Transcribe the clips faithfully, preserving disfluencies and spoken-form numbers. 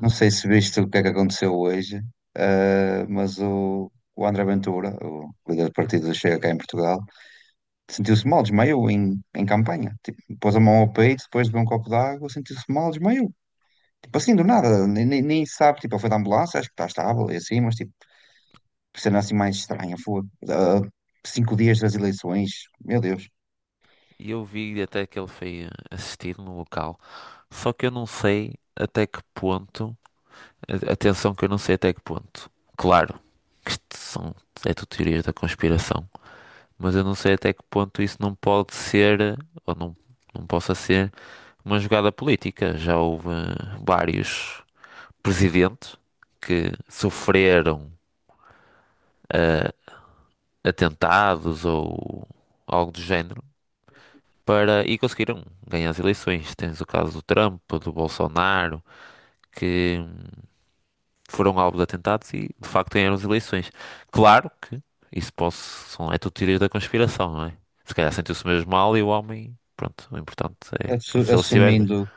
Não sei se viste o que é que aconteceu hoje, eh, mas o, o André Ventura, o líder do partido do Chega cá em Portugal, sentiu-se mal, desmaiou em, em campanha. Tipo, pôs a mão ao peito, depois de beber um copo de água, sentiu-se mal, desmaiou. Tipo assim, do nada, nem, nem, nem sabe, tipo, ele foi da ambulância, acho que está estável e assim, mas tipo, cena assim mais estranha, foi. Ah, cinco dias das eleições, meu Deus. E eu vi até que ele foi eh, assistir no local. Só que eu não sei até que ponto. a- Atenção, que eu não sei até que ponto. Claro que isto são, é tudo teorias da conspiração. Mas eu não sei até que ponto isso não pode ser, eh, ou não, não possa ser, uma jogada política. Já houve eh, vários presidentes que sofreram eh, atentados ou algo do género para e conseguiram ganhar as eleições. Tens o caso do Trump, do Bolsonaro, que hum, foram alvo de atentados e de facto ganharam as eleições. Claro que isso posso, são, é tudo teoria da conspiração, não é? Se calhar sentiu-se mesmo mal e o homem, pronto, o importante é Assu- que se ele estiver bem, Assumindo,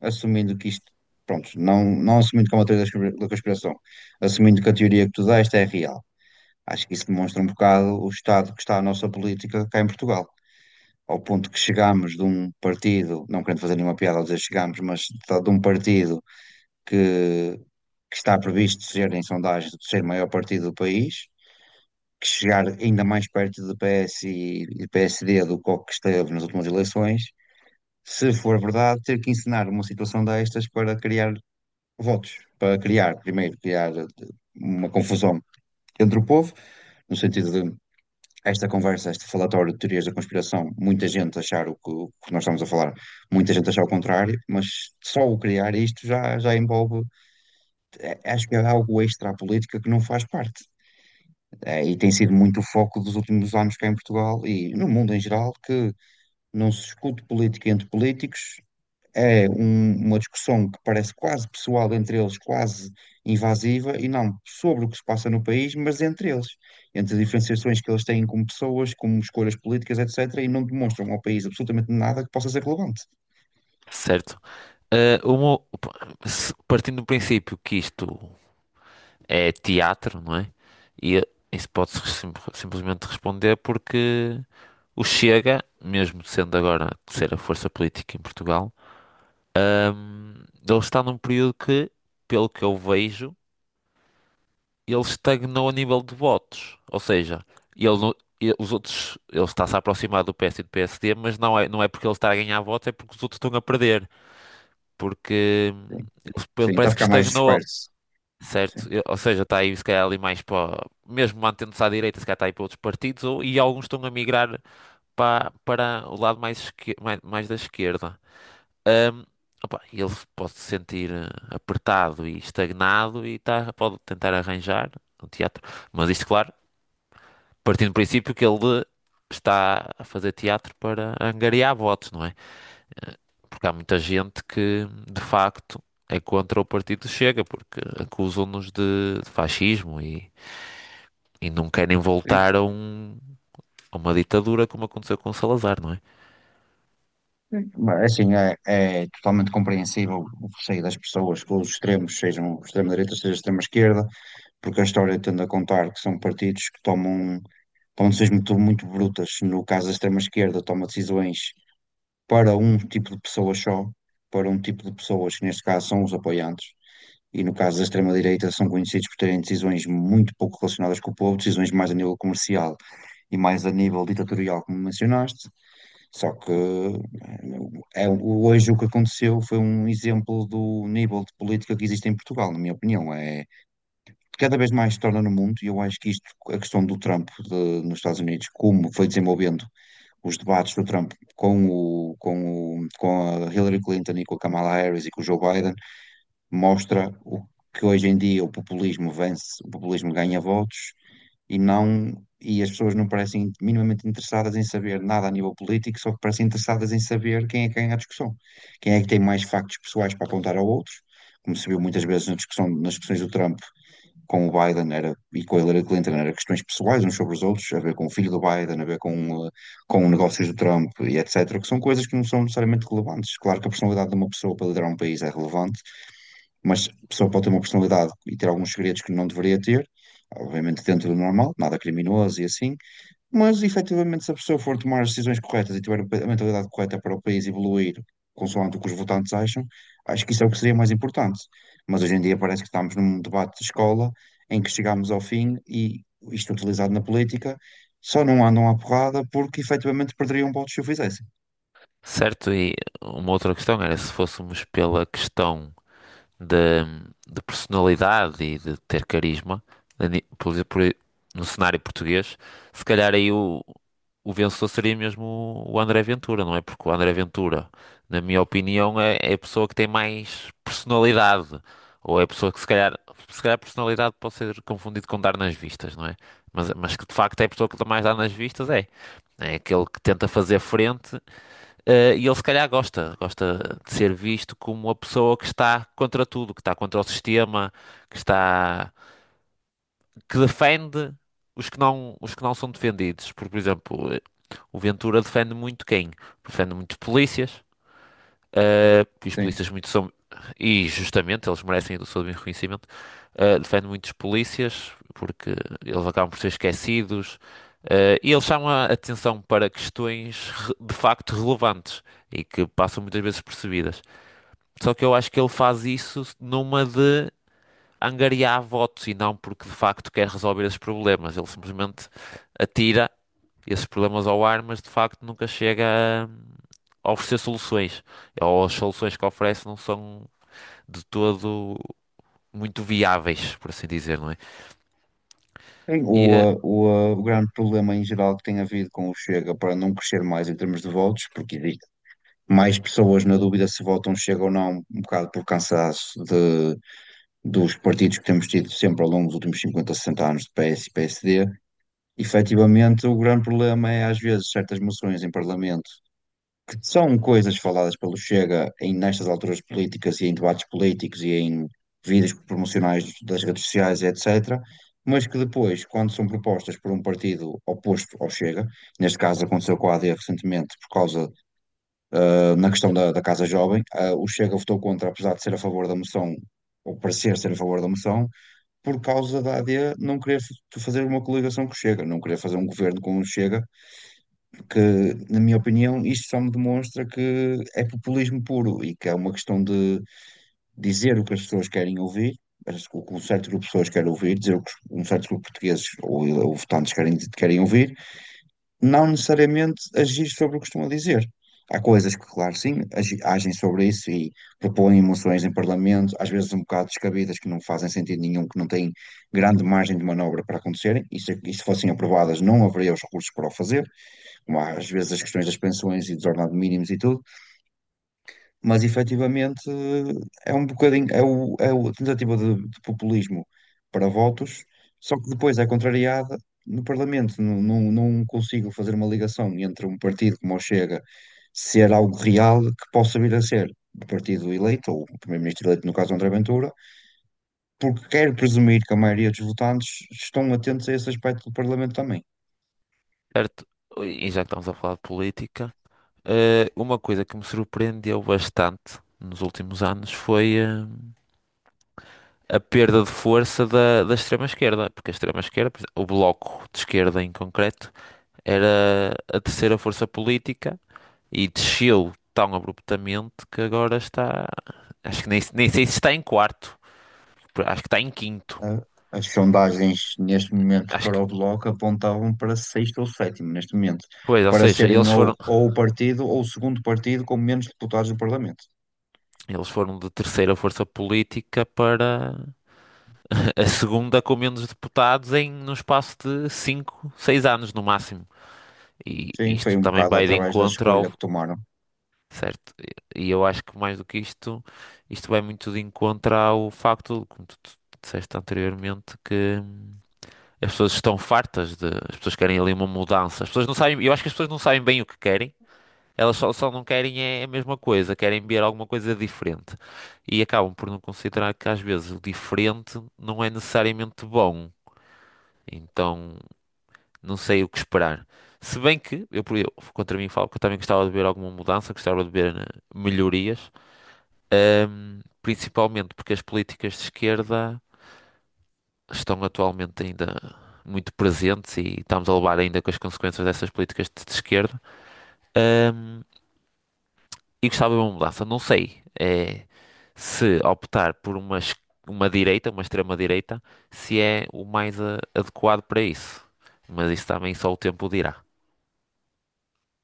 assumindo que isto, pronto, não, não assumindo como a teoria da conspira- da conspiração, assumindo que a teoria que tu deste é real. Acho que isso demonstra um bocado o estado que está a nossa política cá em Portugal. Ao ponto que chegámos de um partido, não querendo fazer nenhuma piada ao dizer chegámos, mas de um partido que, que está previsto ser, em sondagem, ser o maior partido do país, que chegar ainda mais perto do P S e e P S D do que o que esteve nas últimas eleições, se for verdade, ter que ensinar uma situação destas para criar votos, para criar, primeiro, criar eh, uma confusão entre o povo, no sentido de esta conversa, este falatório de teorias da conspiração, muita gente achar o que, o que nós estamos a falar, muita gente achar o contrário, mas só o criar isto já, já envolve, é, acho que é algo extra à política que não faz parte. É, e tem sido muito o foco dos últimos anos cá em Portugal e no mundo em geral, que não se discute política entre políticos, é um- uma discussão que parece quase pessoal entre eles, quase invasiva, e não sobre o que se passa no país, mas entre eles, entre as diferenciações que eles têm como pessoas, como escolhas políticas, et cetera, e não demonstram ao país absolutamente nada que possa ser relevante. certo? Ah, uma- se- partindo do princípio que isto é teatro, não é? E isso pode-se sim- simplesmente responder porque o Chega, mesmo sendo agora a terceira força política em Portugal, hum, ele está num período que, pelo que eu vejo, ele estagnou a nível de votos. Ou seja, ele, não- ele- os outros, ele está-se a aproximar do P S e do P S D, mas não é, não é porque ele está a ganhar votos, é porque os outros estão a perder. Porque hum, Sim, ele sim, está a parece que ficar mais estagnou, disperso. Sim, certo? Eu- ou seja, está aí se calhar ali mais para, mesmo mantendo-se à direita, se calhar está aí para outros partidos, ou, e alguns estão a migrar para, para o lado mais, esque- mais, mais da esquerda. Ahm, Opa, ele pode se sentir eh, apertado e estagnado e tá, pode tentar arranjar um teatro, mas isto, claro, partindo do princípio que ele está a fazer teatro para angariar votos, não é? Porque há muita gente que, de facto, é contra o partido Chega, porque acusam-nos de de fascismo e. E não querem sim. voltar a, um- a uma ditadura como aconteceu com o Salazar, não é? Mas, é assim, é, é totalmente compreensível o receio das pessoas, que os extremos sejam extrema-direita, seja extrema-esquerda, porque a história tende a contar que são partidos que tomam, tomam decisões muito, muito brutas. No caso, a extrema-esquerda toma decisões para um tipo de pessoas só, para um tipo de pessoas que, neste caso, são os apoiantes. E no caso da extrema-direita, são conhecidos por terem decisões muito pouco relacionadas com o povo, decisões mais a nível comercial e mais a nível ditatorial, como mencionaste. Só que eh, é, hoje o que aconteceu foi um exemplo do nível de política que existe em Portugal, na minha opinião. É, cada vez mais se torna no mundo, e eu acho que isto, a questão do Trump de- nos Estados Unidos, como foi desenvolvendo os debates do Trump com o, com o, com a Hillary Clinton e com a Kamala Harris e com o Joe Biden, mostra o que hoje em dia o populismo vence, o populismo ganha votos e não, e as pessoas não parecem minimamente interessadas em saber nada a nível político, só que parecem interessadas em saber quem é que ganha a discussão, quem é que tem mais factos pessoais para apontar ao outro. Como se viu muitas vezes na discussão, nas discussões do Trump, com o Biden era, e com a Hillary Clinton eram questões pessoais uns sobre os outros, a ver com o filho do Biden, a ver com, eh, com negócios do Trump e et cetera, que são coisas que não são necessariamente relevantes. Claro que a personalidade de uma pessoa para liderar um país é relevante, mas a pessoa pode ter uma personalidade e ter alguns segredos que não deveria ter, obviamente dentro do normal, nada criminoso e assim, mas, efetivamente, se a pessoa for tomar as decisões corretas e tiver a mentalidade correta para o país evoluir, consoante o que os votantes acham, acho que isso é o que seria mais importante. Mas hoje em dia parece que estamos num debate de escola em que chegamos ao fim e isto utilizado na política só não andam à porrada porque efetivamente perderiam votos se o fizessem. Certo, e uma outra questão era se fôssemos pela questão de, de personalidade e de ter carisma, a ni- por, exemplo, por- no cenário português, se calhar aí o, o vencedor seria mesmo o o André Ventura, não é? Porque o André Ventura, na minha opinião, é, é a pessoa que tem mais personalidade. Ou é a pessoa que se calhar, se calhar personalidade pode ser confundido com dar nas vistas, não é? Mas, mas que de facto é a pessoa que mais dá nas vistas, é. É aquele que tenta fazer frente eh, e ele se calhar gosta, gosta de ser visto como uma pessoa que está contra tudo, que está contra o sistema, que está, que defende os que não, os que não são defendidos. Porque, por exemplo, eh, o Ventura defende muito quem? Defende muito polícias. Uh, porque os Sim. polícias muito são. E justamente eles merecem o seu reconhecimento. Uh, defende muitos polícias porque eles acabam por ser esquecidos. Uh, e eles chamam a atenção para questões re- de facto relevantes e que passam muitas vezes percebidas. Só que eu acho que ele faz isso numa de angariar votos e não porque de facto quer resolver esses problemas. Ele simplesmente atira esses problemas ao ar, mas de facto nunca chega a, a oferecer soluções. Ou as soluções que oferece não são de todo muito viáveis, por assim dizer, não é? Sim, E, O, eh, uh, o, uh, o grande problema em geral que tem havido com o Chega para não crescer mais em termos de votos, porque existe mais pessoas na dúvida se votam Chega ou não, um bocado por cansaço de dos partidos que temos tido sempre ao longo dos últimos cinquenta, sessenta anos de P S e P S D, efetivamente o grande problema é às vezes certas moções em Parlamento que são coisas faladas pelo Chega em nestas alturas políticas e em debates políticos e em vídeos promocionais das redes sociais, et cetera, mas que depois, quando são propostas por um partido oposto ao Chega, neste caso aconteceu com a AD recentemente por causa, ah, na questão da, da Casa Jovem, ah, o Chega votou contra, apesar de ser a favor da moção, ou parecer ser a favor da moção, por causa da A D não querer f- fazer uma coligação com o Chega, não querer fazer um governo com o Chega, que, na minha opinião, isto só me demonstra que é populismo puro e que é uma questão de dizer o que as pessoas querem ouvir, o que um certo grupo de pessoas quer ouvir, dizer o que um certo grupo de portugueses ou, ou votantes querem, querem ouvir não necessariamente agir sobre o que costuma dizer. Há coisas que, claro, sim, agi- agem sobre isso e propõem moções em Parlamento, às vezes um bocado descabidas, que não fazem sentido nenhum, que não têm grande margem de manobra para acontecerem, e se, e se fossem aprovadas não haveria os recursos para o fazer, como há, às vezes as questões das pensões e dos ordenados mínimos e tudo, mas efetivamente eh, é um bocadinho, é, o, é a tentativa de, de populismo para votos, só que depois é contrariada no Parlamento. Não, não, não consigo fazer uma ligação entre um partido como o Chega ser algo real que possa vir a ser o partido eleito, ou o primeiro-ministro eleito, no caso André Ventura, porque quero presumir que a maioria dos votantes estão atentos a esse aspecto do Parlamento também. Certo, e já que estamos a falar de política, eh, uma coisa que me surpreendeu bastante nos últimos anos foi eh, a perda de força da, da extrema-esquerda, porque a extrema-esquerda, por exemplo, o Bloco de Esquerda em concreto, era a terceira força política. E desceu tão abruptamente que agora está. Acho que nem, nem sei se está em quarto. Acho que está em quinto. Ah, As sondagens neste momento Acho para que. o Bloco apontavam para sexto ou sétimo neste momento, Pois, ou para seja, serem eles ou, foram, ou o partido ou o segundo partido com menos deputados do Parlamento. eles foram de terceira força política para a segunda com menos deputados em num espaço de cinco seis anos no máximo. E Sim, foi isto um também bocado vai de através da encontro ao. escolha que tomaram. Certo? E eu acho que mais do que isto, isto vai muito de encontro ao facto, como tu tu disseste anteriormente, que. As pessoas estão fartas de. As pessoas querem ali uma mudança. As pessoas não sabem. Eu acho que as pessoas não sabem bem o que querem. Elas só, só não querem é a mesma coisa. Querem ver alguma coisa diferente. E acabam por não considerar que às vezes o diferente não é necessariamente bom. Então não sei o que esperar. Se bem que, eu, por- eu contra mim falo que eu também gostava de ver alguma mudança, gostava de ver eh, melhorias. Ahm, principalmente porque as políticas de esquerda estão atualmente ainda muito presentes e estamos a levar ainda com as consequências dessas políticas de, de esquerda. Ahm, e gostava de uma mudança. Não sei eh, se optar por uma, es- uma direita, uma extrema-direita, se é o mais ah, adequado para isso. Mas isso também só o tempo dirá.